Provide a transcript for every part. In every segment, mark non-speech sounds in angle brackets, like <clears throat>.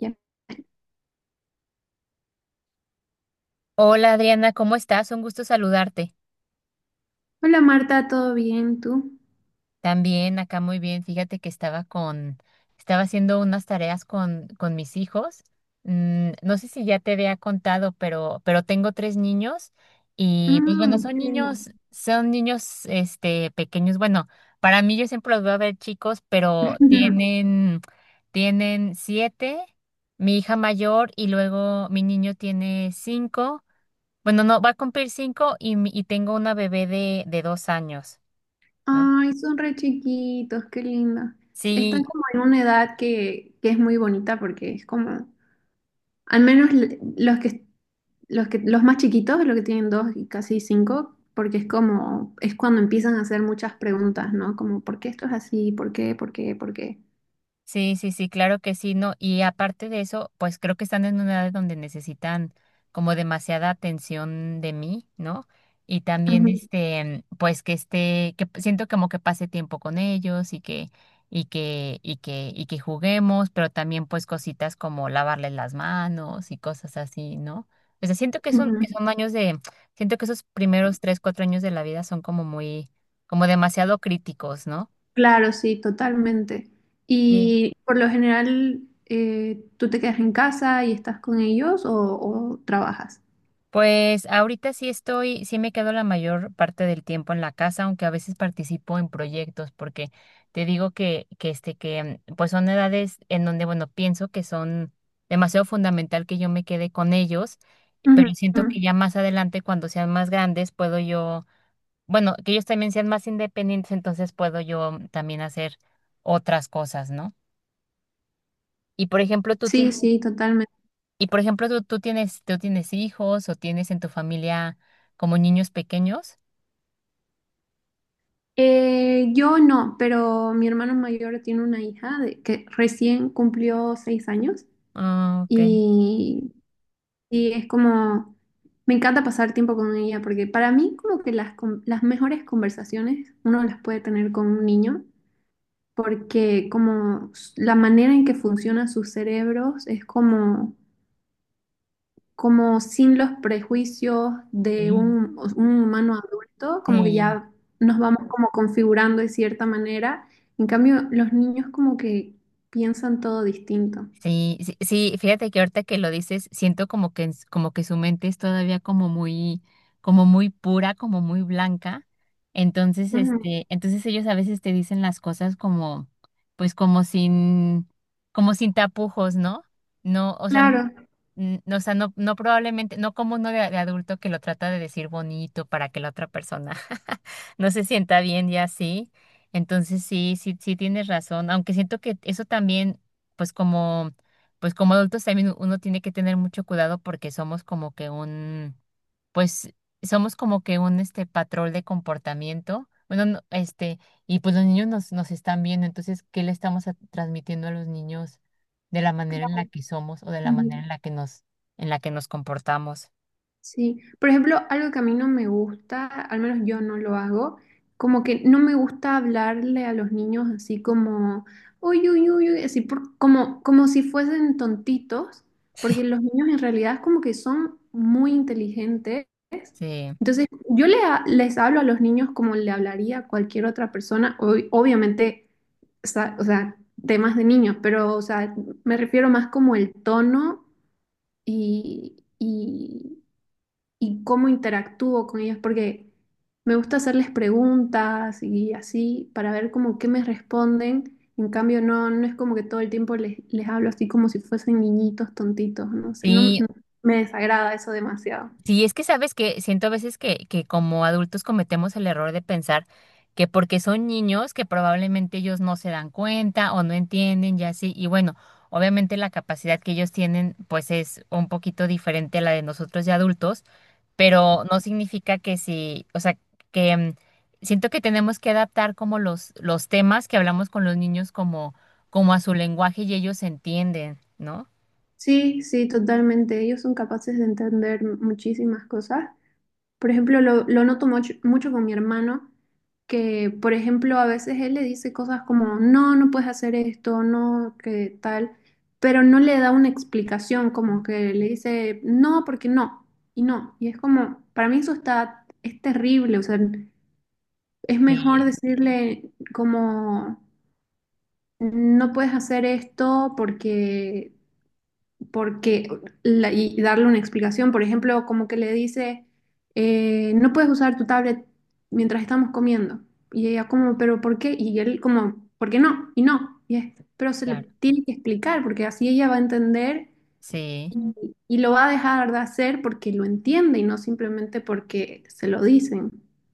Ya. Hola Adriana, ¿cómo estás? Un gusto saludarte. Hola Marta, ¿todo bien tú? También acá muy bien. Fíjate que estaba haciendo unas tareas con mis hijos. No sé si ya te había contado, pero tengo tres niños y pues bueno, Mm. son Qué lindo. niños, son niños, pequeños. Bueno, para mí yo siempre los voy a ver chicos, pero <laughs> Ujú. tienen siete, mi hija mayor y luego mi niño tiene cinco. Bueno, no, va a cumplir cinco y tengo una bebé de 2 años, ¿no? Ay, son re chiquitos, qué lindo. Están Sí, como en una edad que es muy bonita porque es como, al menos los más chiquitos, los que tienen dos y casi cinco, porque es como, es cuando empiezan a hacer muchas preguntas, ¿no? Como, ¿por qué esto es así? ¿Por qué? ¿Por qué? ¿Por qué? sí, sí, sí, claro que sí, no. Y aparte de eso, pues creo que están en una edad donde necesitan como demasiada atención de mí, ¿no? Y también Ujú, este, pues que esté, siento como que pase tiempo con ellos y que, y que juguemos, pero también pues cositas como lavarles las manos y cosas así, ¿no? O sea, siento que son, ujú. que son años de, siento que esos primeros 3, 4 años de la vida son como muy, como demasiado críticos, ¿no? Claro, sí, totalmente. Sí. Y por lo general, ¿tú te quedas en casa y estás con ellos o trabajas? Pues ahorita sí estoy, sí me quedo la mayor parte del tiempo en la casa, aunque a veces participo en proyectos, porque te digo que, pues son edades en donde, bueno, pienso que son demasiado fundamental que yo me quede con ellos, pero Ujú. siento que ya más adelante, cuando sean más grandes, puedo yo, bueno, que ellos también sean más independientes, entonces puedo yo también hacer otras cosas, ¿no? Y por ejemplo, tú Sí, tienes sí, totalmente. y por ejemplo, tú tienes hijos o tienes en tu familia como niños pequeños. Yo no, pero mi hermano mayor tiene una hija que recién cumplió 6 años, Ah, ok. y, y es como, me encanta pasar tiempo con ella porque para mí como que las mejores conversaciones uno las puede tener con un niño porque como la manera en que funcionan sus cerebros es como, como sin los prejuicios de Sí, un humano adulto, como que sí, ya nos vamos como configurando de cierta manera. En cambio, los niños como que piensan todo distinto. sí, sí, sí, fíjate que ahorita que lo dices, siento como que, como que su mente es todavía como muy pura, como muy blanca. Entonces, Ujú. este, entonces ellos a veces te dicen las cosas como, pues como sin tapujos, ¿no? No, o sea, no Claro, no, o sea, no probablemente, no como uno de adulto que lo trata de decir bonito para que la otra persona <laughs> no se sienta bien y así. Entonces sí, sí, sí tienes razón, aunque siento que eso también, pues como, pues como adultos también uno tiene que tener mucho cuidado porque somos como que un pues patrón de comportamiento, bueno, no, este, y pues los niños nos están viendo, entonces, ¿qué le estamos transmitiendo a los niños de la manera en la claro. que somos o de la manera Ujú. en la que nos comportamos? Sí, por ejemplo, algo que a mí no me gusta, al menos yo no lo hago, como que no me gusta hablarle a los niños así como, "uy, uy, uy, uy", así como si fuesen tontitos, porque los niños en realidad como que son muy inteligentes. Sí. Entonces, yo les hablo a los niños como le hablaría a cualquier otra persona, obviamente, o sea, temas de niños, pero, o sea, me refiero más como el tono y... y y cómo interactúo con ellos, porque me gusta hacerles preguntas y así para ver como qué me responden. En cambio, no, no es como que todo el tiempo les hablo así como si fuesen niñitos tontitos, no sé, Sí, me desagrada eso demasiado. sí, es que sabes que siento a veces que como adultos cometemos el error de pensar que porque son niños que probablemente ellos no se dan cuenta o no entienden y así. Y bueno, obviamente la capacidad que ellos tienen pues es un poquito diferente a la de nosotros de adultos, pero no significa que si, o sea, que mm, siento que tenemos que adaptar como los temas que hablamos con los niños como, como a su lenguaje y ellos entienden, ¿no? Sí, sí, totalmente. Ellos son capaces de entender muchísimas cosas. Por ejemplo, lo noto mucho, mucho con mi hermano, que por ejemplo a veces él le dice cosas como, no, no puedes hacer esto, no, que tal, pero no le da una explicación, como que le dice, no, porque no, y no. Y es como, para mí eso está, es terrible, o sea, es mejor Sí, decirle como, no puedes hacer esto porque y darle una explicación, por ejemplo, como que le dice, no puedes usar tu tablet mientras estamos comiendo. Y ella como, pero ¿por qué? Y él como, ¿por qué no? Y no. Y es, pero se le claro. tiene que explicar porque así ella va a entender Sí. y, y lo va a dejar de hacer porque lo entiende y no simplemente porque se lo dicen.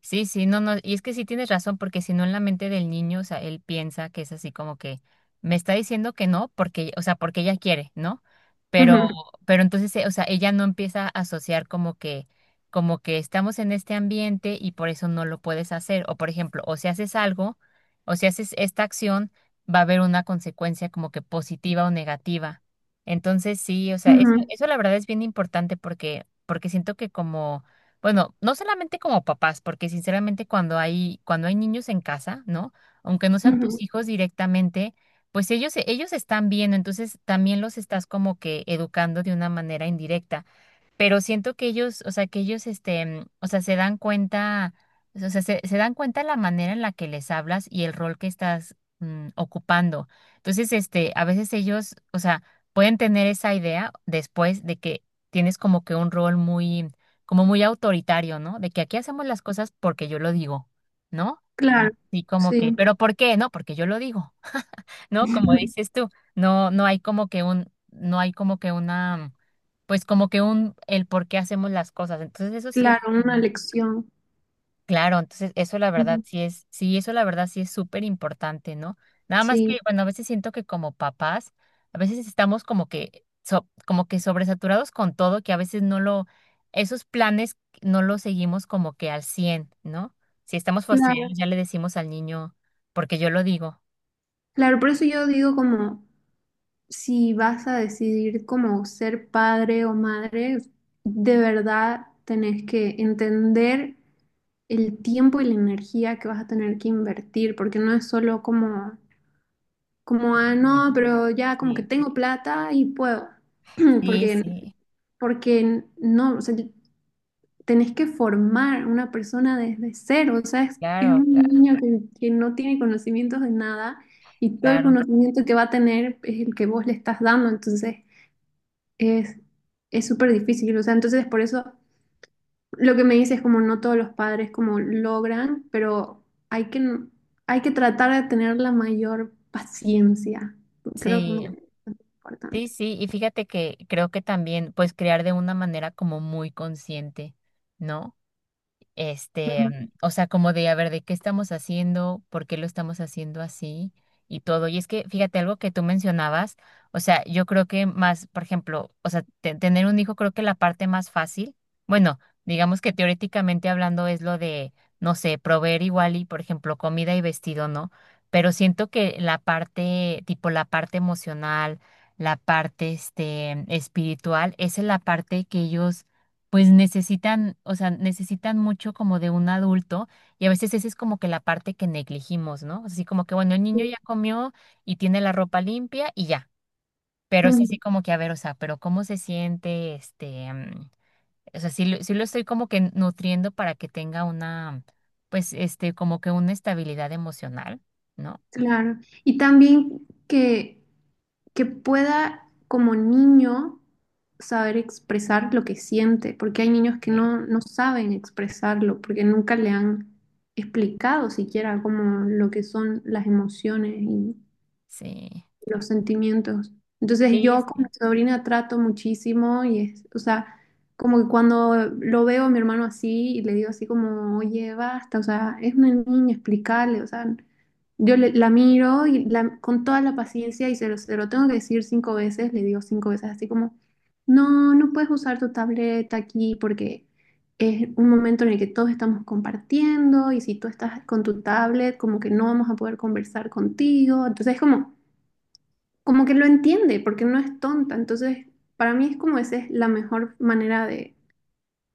Sí, sí, no, no, y es que sí tienes razón, porque si no en la mente del niño, o sea, él piensa que es así como que me está diciendo que no, porque, o sea, porque ella quiere, ¿no? Pero, Ujú, pero entonces, o sea, ella no empieza a asociar como que estamos en este ambiente y por eso no lo puedes hacer. O por ejemplo, o si haces algo, o si haces esta acción, va a haber una consecuencia como que positiva o negativa. Entonces, sí, o sea, eso, ujú, eso la verdad es bien importante porque, porque siento que como bueno, no solamente como papás, porque sinceramente cuando hay, niños en casa, ¿no? Aunque no sean tus ujú. hijos directamente, pues ellos están viendo, entonces también los estás como que educando de una manera indirecta, pero siento que ellos, o sea, que ellos, este, mm, o sea, se dan cuenta, o sea, se dan cuenta la manera en la que les hablas y el rol que estás ocupando. Entonces, este, a veces ellos, o sea, pueden tener esa idea después de que tienes como que un rol muy, como muy autoritario, ¿no? De que aquí hacemos las cosas porque yo lo digo, ¿no? Claro, Y como que, sí. ¿pero por qué? No, porque yo lo digo. ¿No? Como <laughs> dices tú, no, no hay como que un, no hay como que una, pues como que un, el por qué hacemos las cosas. Entonces eso sí es, Claro, una ¿no? lección. Claro, entonces eso la verdad Ujú. sí es, sí, eso la verdad sí es súper importante, ¿no? Nada más que, Sí, bueno, a veces siento que como papás, a veces estamos como que, como que sobresaturados con todo, que a veces no lo, esos planes no los seguimos como que al cien, ¿no? Si estamos fastidiados, claro. ya le decimos al niño, porque yo lo digo. Claro, por eso yo digo como si vas a decidir como ser padre o madre, de verdad tenés que entender el tiempo y la energía que vas a tener que invertir, porque no es solo como, como, ah, Sí, no, pero ya como que tengo plata y puedo, <clears throat> sí, porque, sí. porque no, o sea, tenés que formar una persona desde cero, o sea, es Claro, un claro, niño que no tiene conocimientos de nada. Y todo el claro. conocimiento que va a tener es el que vos le estás dando. Entonces, es, es súper difícil, o sea, entonces por eso lo que me dices es como no todos los padres como logran, pero hay que, hay que tratar de tener la mayor paciencia. Creo que Sí, es sí, importante. sí. Y fíjate que creo que también, pues, crear de una manera como muy consciente, ¿no? Este, Ujú. mm, o sea, como de, a ver, ¿de qué estamos haciendo? ¿Por qué lo estamos haciendo así? Y todo. Y es que, fíjate, algo que tú mencionabas, o sea, yo creo que más, por ejemplo, o sea, tener un hijo, creo que la parte más fácil, bueno, digamos que teóricamente hablando es lo de, no sé, proveer igual y, por ejemplo, comida y vestido, ¿no? Pero siento que la parte, tipo la parte emocional, la parte, este, espiritual, esa es la parte que ellos pues necesitan, o sea, necesitan mucho como de un adulto y a veces esa es como que la parte que negligimos, ¿no? Así como que, bueno, el niño Sí. ya comió y tiene la ropa limpia y ya, pero es así Ujú. como que, a ver, o sea, pero ¿cómo se siente? Este, mm, o sea, sí, sí lo estoy como que nutriendo para que tenga una, pues, este, como que una estabilidad emocional, ¿no? Claro. Y también que pueda como niño saber expresar lo que siente, porque hay niños que Sí, no saben expresarlo, porque nunca le han explicado siquiera como lo que son las emociones, sí, los sentimientos. Entonces sí. yo con mi Sí. sobrina trato muchísimo y es, o sea, como que cuando lo veo a mi hermano así y le digo así como, oye, basta, o sea, es una niña, explicarle, o sea, yo la miro y con toda la paciencia y se lo tengo que decir cinco veces, le digo cinco veces así como, no, no puedes usar tu tableta aquí porque es un momento en el que todos estamos compartiendo y si tú estás con tu tablet, como que no vamos a poder conversar contigo. Entonces es como como que lo entiende, porque no es tonta. Entonces, para mí es como esa es la mejor manera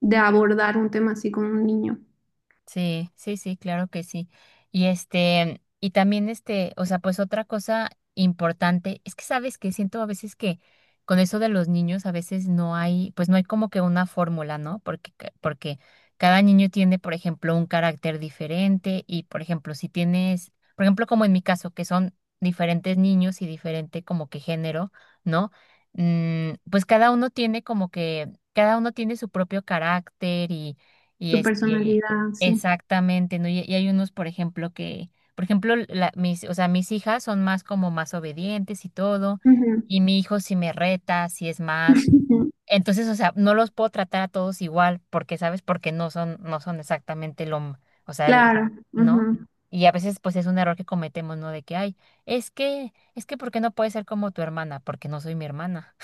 de abordar un tema así con un niño, Sí, sí, sí, claro que sí. Y este, y también este, o sea, pues otra cosa importante es que sabes que siento a veces que con eso de los niños a veces no hay, pues no hay como que una fórmula, ¿no? Porque porque cada niño tiene, por ejemplo, un carácter diferente y, por ejemplo, si tienes, por ejemplo, como en mi caso, que son diferentes niños y diferente como que género, ¿no? Mm, pues cada uno tiene como que cada uno tiene su propio carácter y, y su este personalidad, sí. exactamente, ¿no? Y hay unos, por ejemplo, que, por ejemplo, mis, o sea, mis hijas son más como más obedientes y todo, Ujú. y mi hijo si me reta, si es más. <laughs> Entonces, o sea, no los puedo tratar a todos igual, porque, ¿sabes? Porque no son, no son exactamente lo, o sea, Claro. ¿no? Ujú. Y a veces, pues, es un error que cometemos, ¿no? De que, ay, es, que, es que, ¿por qué no puede ser como tu hermana? Porque no soy mi hermana.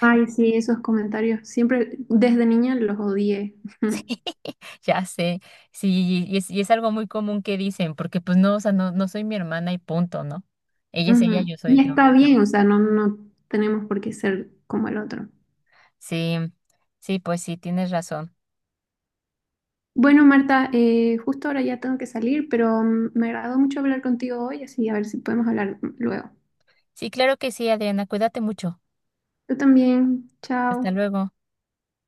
Ay, sí, esos comentarios. Siempre, desde niña los odié. <laughs> Sí, <laughs> ya sé, sí, y es algo muy común que dicen, porque pues no, o sea, no, no soy mi hermana y punto, ¿no? Ella es ella, Ujú. yo soy Y yo. está bien, o sea, no, no tenemos por qué ser como el otro. Sí, sí, pues sí, tienes razón. Bueno, Marta, justo ahora ya tengo que salir, pero mm, me agradó mucho hablar contigo hoy, así a ver si podemos hablar luego. Sí, claro que sí, Adriana, cuídate mucho. Yo también, Hasta chao. luego.